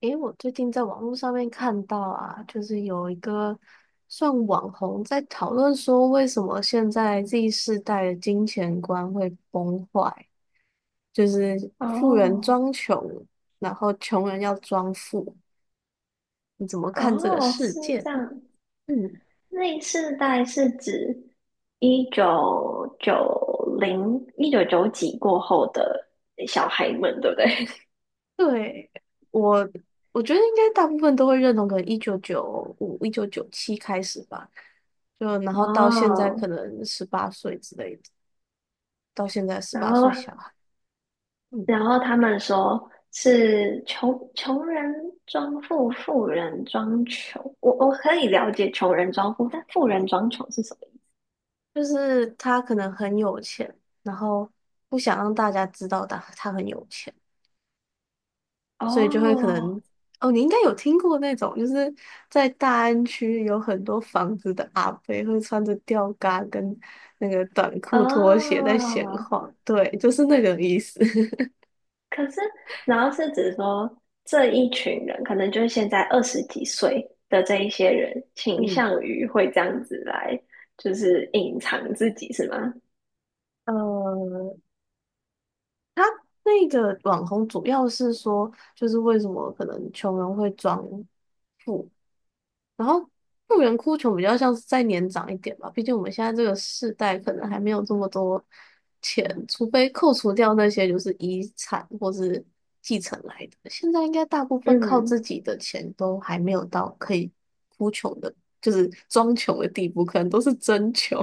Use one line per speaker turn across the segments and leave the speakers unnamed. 诶，我最近在网络上面看到啊，就是有一个算网红在讨论说，为什么现在 Z 世代的金钱观会崩坏，就是富人
哦
装穷，然后穷人要装富。你怎么看这个
哦，
事
是
件？
这样。
嗯，
那世代是指1990、一九九几过后的小孩们，对不对？
对，我我觉得应该大部分都会认同，可能1995、1997开始吧，就然 后到现在可
哦，
能十八岁之类的，到现在十
然
八
后
岁小孩。嗯
然后他们说是穷人装富，富人装穷。我可以了解穷人装富，但富人装穷是什么意
就是他可能很有钱，然后不想让大家知道他很有钱，
思？
所以就会可
哦
能哦，你应该有听过那种，就是在大安区有很多房子的阿飞，会穿着吊嘎跟那个短裤拖鞋在闲
哦
晃，对，就是那个意思。
可是，然后是指说这一群人，可能就是现在二十几岁的这一些人，倾
嗯，
向于会这样子来，就是隐藏自己，是吗？
呃，他那个网红主要是说，就是为什么可能穷人会装富，然后富人哭穷比较像是再年长一点吧，毕竟我们现在这个世代可能还没有这么多钱，除非扣除掉那些就是遗产或是继承来的。现在应该大部分靠
嗯
自己的钱都还没有到可以哭穷的，就是装穷的地步，可能都是真穷。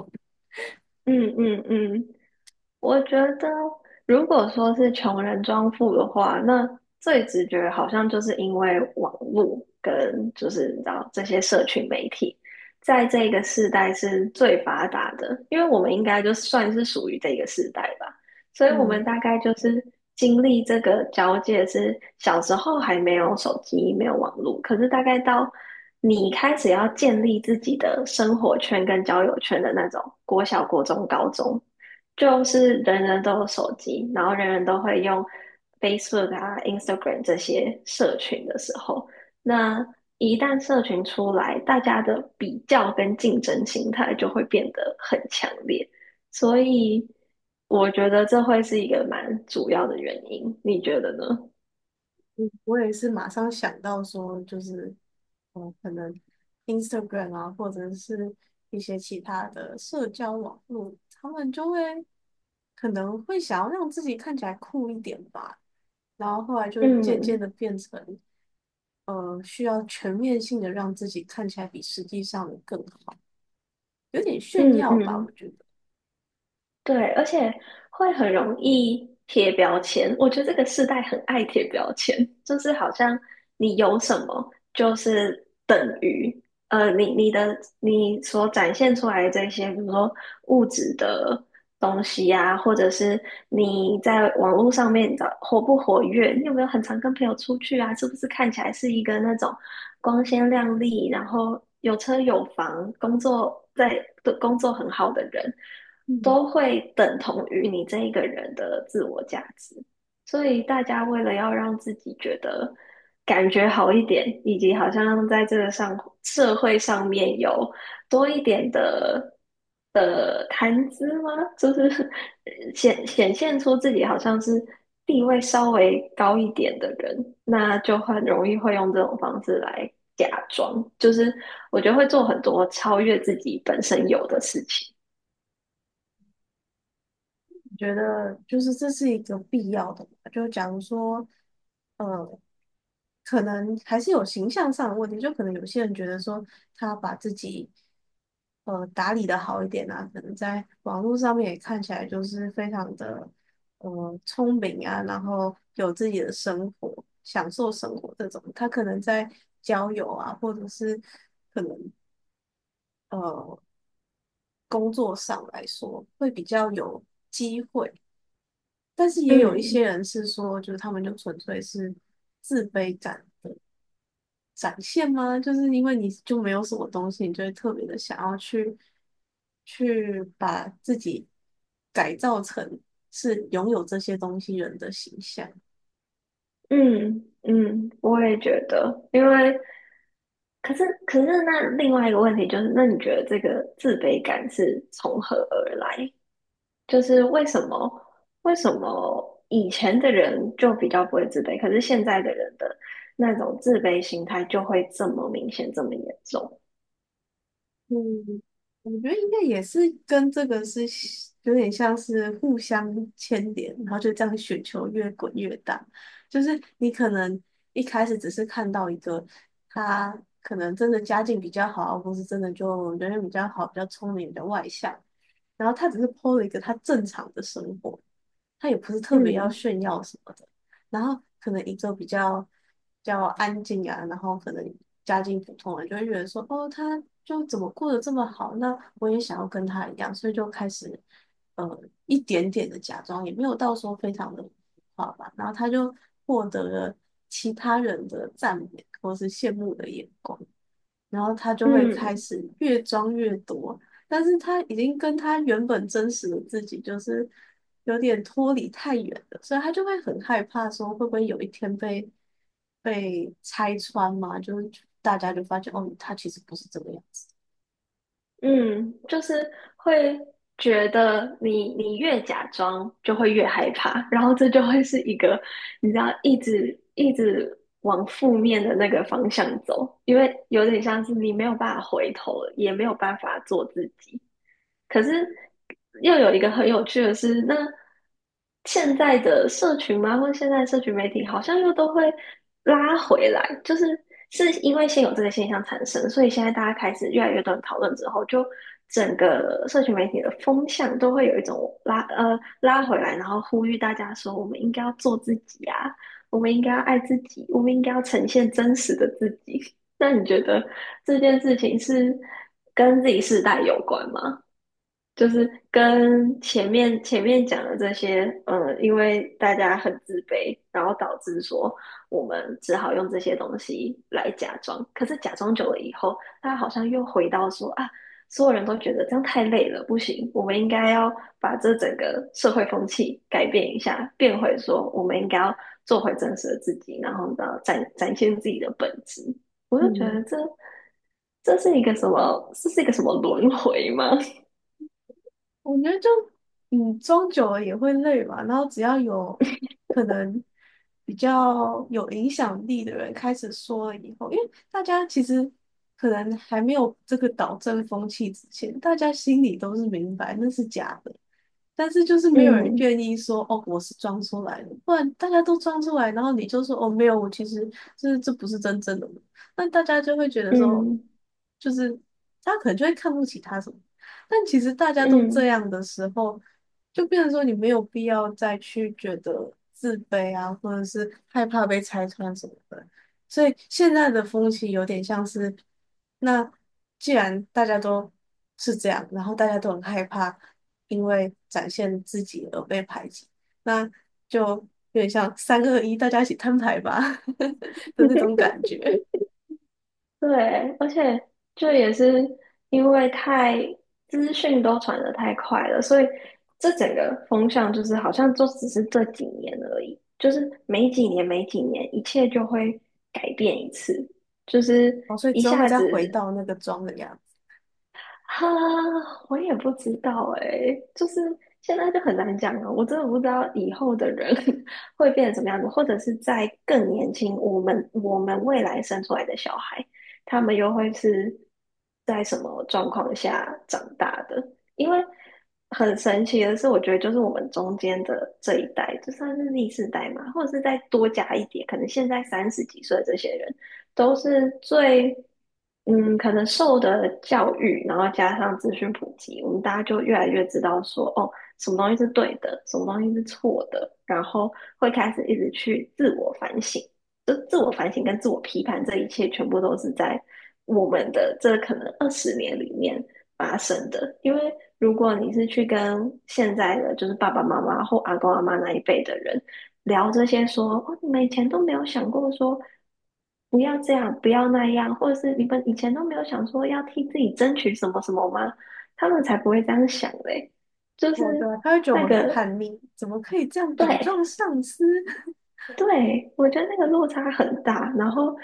嗯嗯嗯，我觉得，如果说是穷人装富的话，那最直觉好像就是因为网络跟就是你知道这些社群媒体，在这个世代是最发达的，因为我们应该就算是属于这个世代吧，所以我们
嗯，
大概就是经历这个交界是小时候还没有手机，没有网络，可是大概到你开始要建立自己的生活圈跟交友圈的那种国小、国中、高中。就是人人都有手机，然后人人都会用 Facebook 啊、Instagram 这些社群的时候，那一旦社群出来，大家的比较跟竞争心态就会变得很强烈，所以我觉得这会是一个蛮主要的原因，你觉得呢？
我也是马上想到说，就是可能 Instagram 啊，或者是一些其他的社交网络，他们就会可能会想要让自己看起来酷一点吧，然后后来就渐渐
嗯
的变成需要全面性的让自己看起来比实际上的更好，有点炫
嗯
耀吧，我
嗯。
觉得。
对，而且会很容易贴标签。我觉得这个世代很爱贴标签，就是好像你有什么就是等于，你所展现出来的这些，比如说物质的东西啊，或者是你在网络上面的活不活跃，你有没有很常跟朋友出去啊？是不是看起来是一个那种光鲜亮丽，然后有车有房，工作在的工作很好的人，都会等同于你这一个人的自我价值。所以大家为了要让自己觉得感觉好一点，以及好像在这个社会上面有多一点的谈资吗？就是 显现出自己好像是地位稍微高一点的人，那就很容易会用这种方式来假装，就是我觉得会做很多超越自己本身有的事情。
我觉得就是这是一个必要的嘛，就假如说，呃，可能还是有形象上的问题，就可能有些人觉得说他把自己打理的好一点啊，可能在网络上面也看起来就是非常的聪明啊，然后有自己的生活，享受生活这种，他可能在交友啊，或者是呃工作上来说会比较有机会。但是也有一些
嗯
人是说，就是他们就纯粹是自卑感的展现吗？就是因为你就没有什么东西，你就会特别的想要去把自己改造成是拥有这些东西人的形象。
嗯嗯，我也觉得，因为。可是，那另外一个问题就是，那你觉得这个自卑感是从何而来？就是为什么以前的人就比较不会自卑，可是现在的人的那种自卑心态就会这么明显，这么严重？
嗯，我觉得应该也是跟这个是有点像是互相牵连，然后就这样雪球越滚越大。就是你可能一开始只是看到一个他可能真的家境比较好，或是真的就人缘比较好、比较聪明、比较外向，然后他只是 p 了一个他正常的生活，他也不是特别要
嗯
炫耀什么的。然后可能一个比较安静啊，然后可能家境普通人就会觉得说，哦，他就怎么过得这么好，那我也想要跟他一样，所以就开始呃一点点的假装，也没有到说非常的好吧。然后他就获得了其他人的赞美或是羡慕的眼光。然后他就会开
嗯
始越装越多，但是他已经跟他原本真实的自己就是有点脱离太远了，所以他就会很害怕，说会不会有一天被拆穿嘛？就是大家就发现哦，他其实不是这个样子。
嗯，就是会觉得你越假装就会越害怕，然后这就会是一个你知道一直一直往负面的那个方向走，因为有点像是你没有办法回头了，也没有办法做自己。可是又有一个很有趣的是，那现在的社群嘛，或者现在的社群媒体，好像又都会拉回来，就是是因为先有这个现象产生，所以现在大家开始越来越多人讨论之后，就整个社群媒体的风向都会有一种拉回来，然后呼吁大家说，我们应该要做自己啊，我们应该要爱自己，我们应该要呈现真实的自己。那你觉得这件事情是跟自己世代有关吗？就是跟前面讲的这些，因为大家很自卑，然后导致说我们只好用这些东西来假装。可是假装久了以后，他好像又回到说啊，所有人都觉得这样太累了，不行，我们应该要把这整个社会风气改变一下，变回说我们应该要做回真实的自己，然后呢，展现自己的本质。我就觉
嗯，
得这是一个什么？这是一个什么轮回吗？
我觉得就装久了也会累嘛。然后只要有可能比较有影响力的人开始说了以后，因为大家其实可能还没有这个导正风气之前，大家心里都是明白那是假的，但是就是没有人
嗯。
愿意说哦，我是装出来的，不然大家都装出来，然后你就说哦，没有，我其实这不是真正的我，那大家就会觉得说，
嗯
就是他可能就会看不起他什么。但其实大家都这
嗯，
样的时候，就变成说你没有必要再去觉得自卑啊，或者是害怕被拆穿什么的。所以现在的风气有点像是，那既然大家都是这样，然后大家都很害怕因为展现自己而被排挤，那就有点像三二一，大家一起摊牌吧 的那种 感觉。
对，而且这也是因为资讯都传的太快了，所以这整个风向就是好像就只是这几年而已，就是每几年每几年，一切就会改变一次，就是
哦，所以
一
之后会
下
再回
子
到那个妆的样子。
哈，我也不知道诶，就是现在就很难讲了。我真的不知道以后的人 会变成什么样子，或者是在更年轻，我们未来生出来的小孩，他们又会是在什么状况下长大的？因为很神奇的是，我觉得就是我们中间的这一代，就算是 Z 世代嘛，或者是再多加一点，可能现在三十几岁的这些人。都是最可能受的教育，然后加上资讯普及，我们大家就越来越知道说哦，什么东西是对的，什么东西是错的，然后会开始一直去自我反省。就自我反省跟自我批判，这一切全部都是在我们的这可能20年里面发生的。因为如果你是去跟现在的就是爸爸妈妈或阿公阿妈那一辈的人聊这些说，哦，你们以前都没有想过说不要这样，不要那样，或者是你们以前都没有想说要替自己争取什么什么吗？他们才不会这样想嘞，就是
好的，他会觉得我
那
们很
个
叛逆，怎么可以这样顶
对，
撞上司？
对，我觉得那个落差很大，然后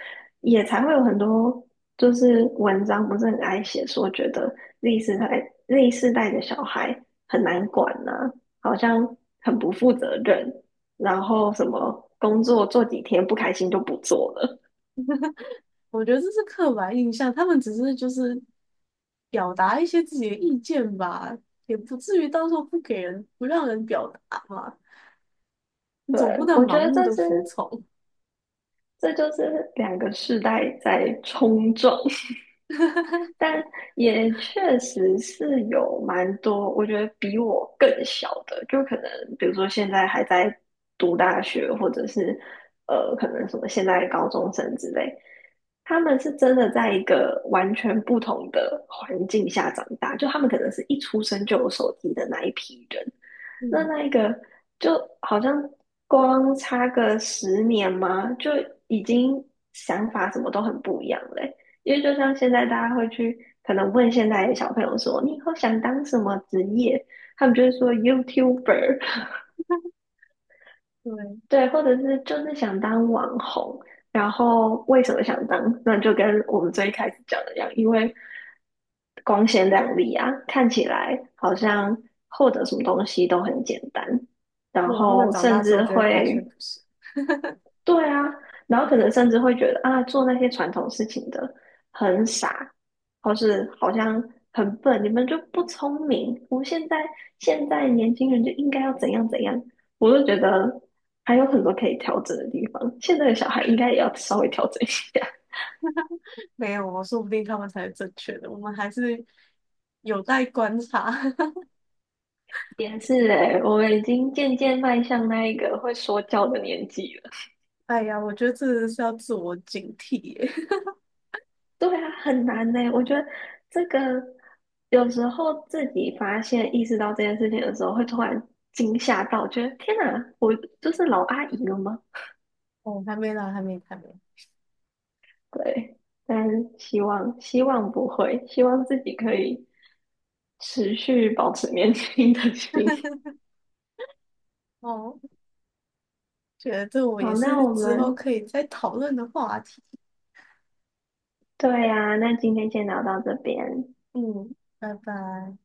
也才会有很多就是文章不是很爱写说，觉得 Z 世代的小孩很难管呐、好像很不负责任，然后什么工作做几天不开心就不做了。
我觉得这是刻板印象，他们只是就是表达一些自己的意见吧，也不至于到时候不让人表达嘛。你
对，
总不能
我觉
盲
得
目
这
的
是
服从。
这就是两个世代在冲撞。但也确实是有蛮多，我觉得比我更小的，就可能比如说现在还在读大学，或者是可能什么现在高中生之类，他们是真的在一个完全不同的环境下长大，就他们可能是一出生就有手机的那一批人，那
嗯，
那一个就好像光差个十年嘛，就已经想法什么都很不一样嘞。因为就像现在大家会去可能问现在的小朋友说，你以后想当什么职业？他们就会说 YouTuber,
对。
对，或者是就是想当网红。然后为什么想当？那就跟我们最开始讲的一样，因为光鲜亮丽啊，看起来好像获得什么东西都很简单，然
然后他们
后
长大
甚
之后
至
就会发现
会
不是，
对啊，然后可能甚至会觉得啊，做那些传统事情的很傻，或是好像很笨，你们就不聪明。我们现在年轻人就应该要怎样怎样，我就觉得还有很多可以调整的地方。现在的小孩应该也要稍微调整一下。
没有哦，说不定他们才是正确的，我们还是有待观察。
也是诶，我们已经渐渐迈向那一个会说教的年纪了。
哎呀，我觉得这是要自我警惕耶。
对啊，很难呢。我觉得这个有时候自己发现、意识到这件事情的时候，会突然惊吓到，觉得天哪，我就是老阿姨了吗？
哦，还没啦，还没，还没。
对，但是希望不会，希望自己可以持续保持年轻的心。
哦。觉得这 我
好，
也
那
是
我
之后
们
可以再讨论的话题。
对呀、那今天先聊到这边。
嗯，拜拜。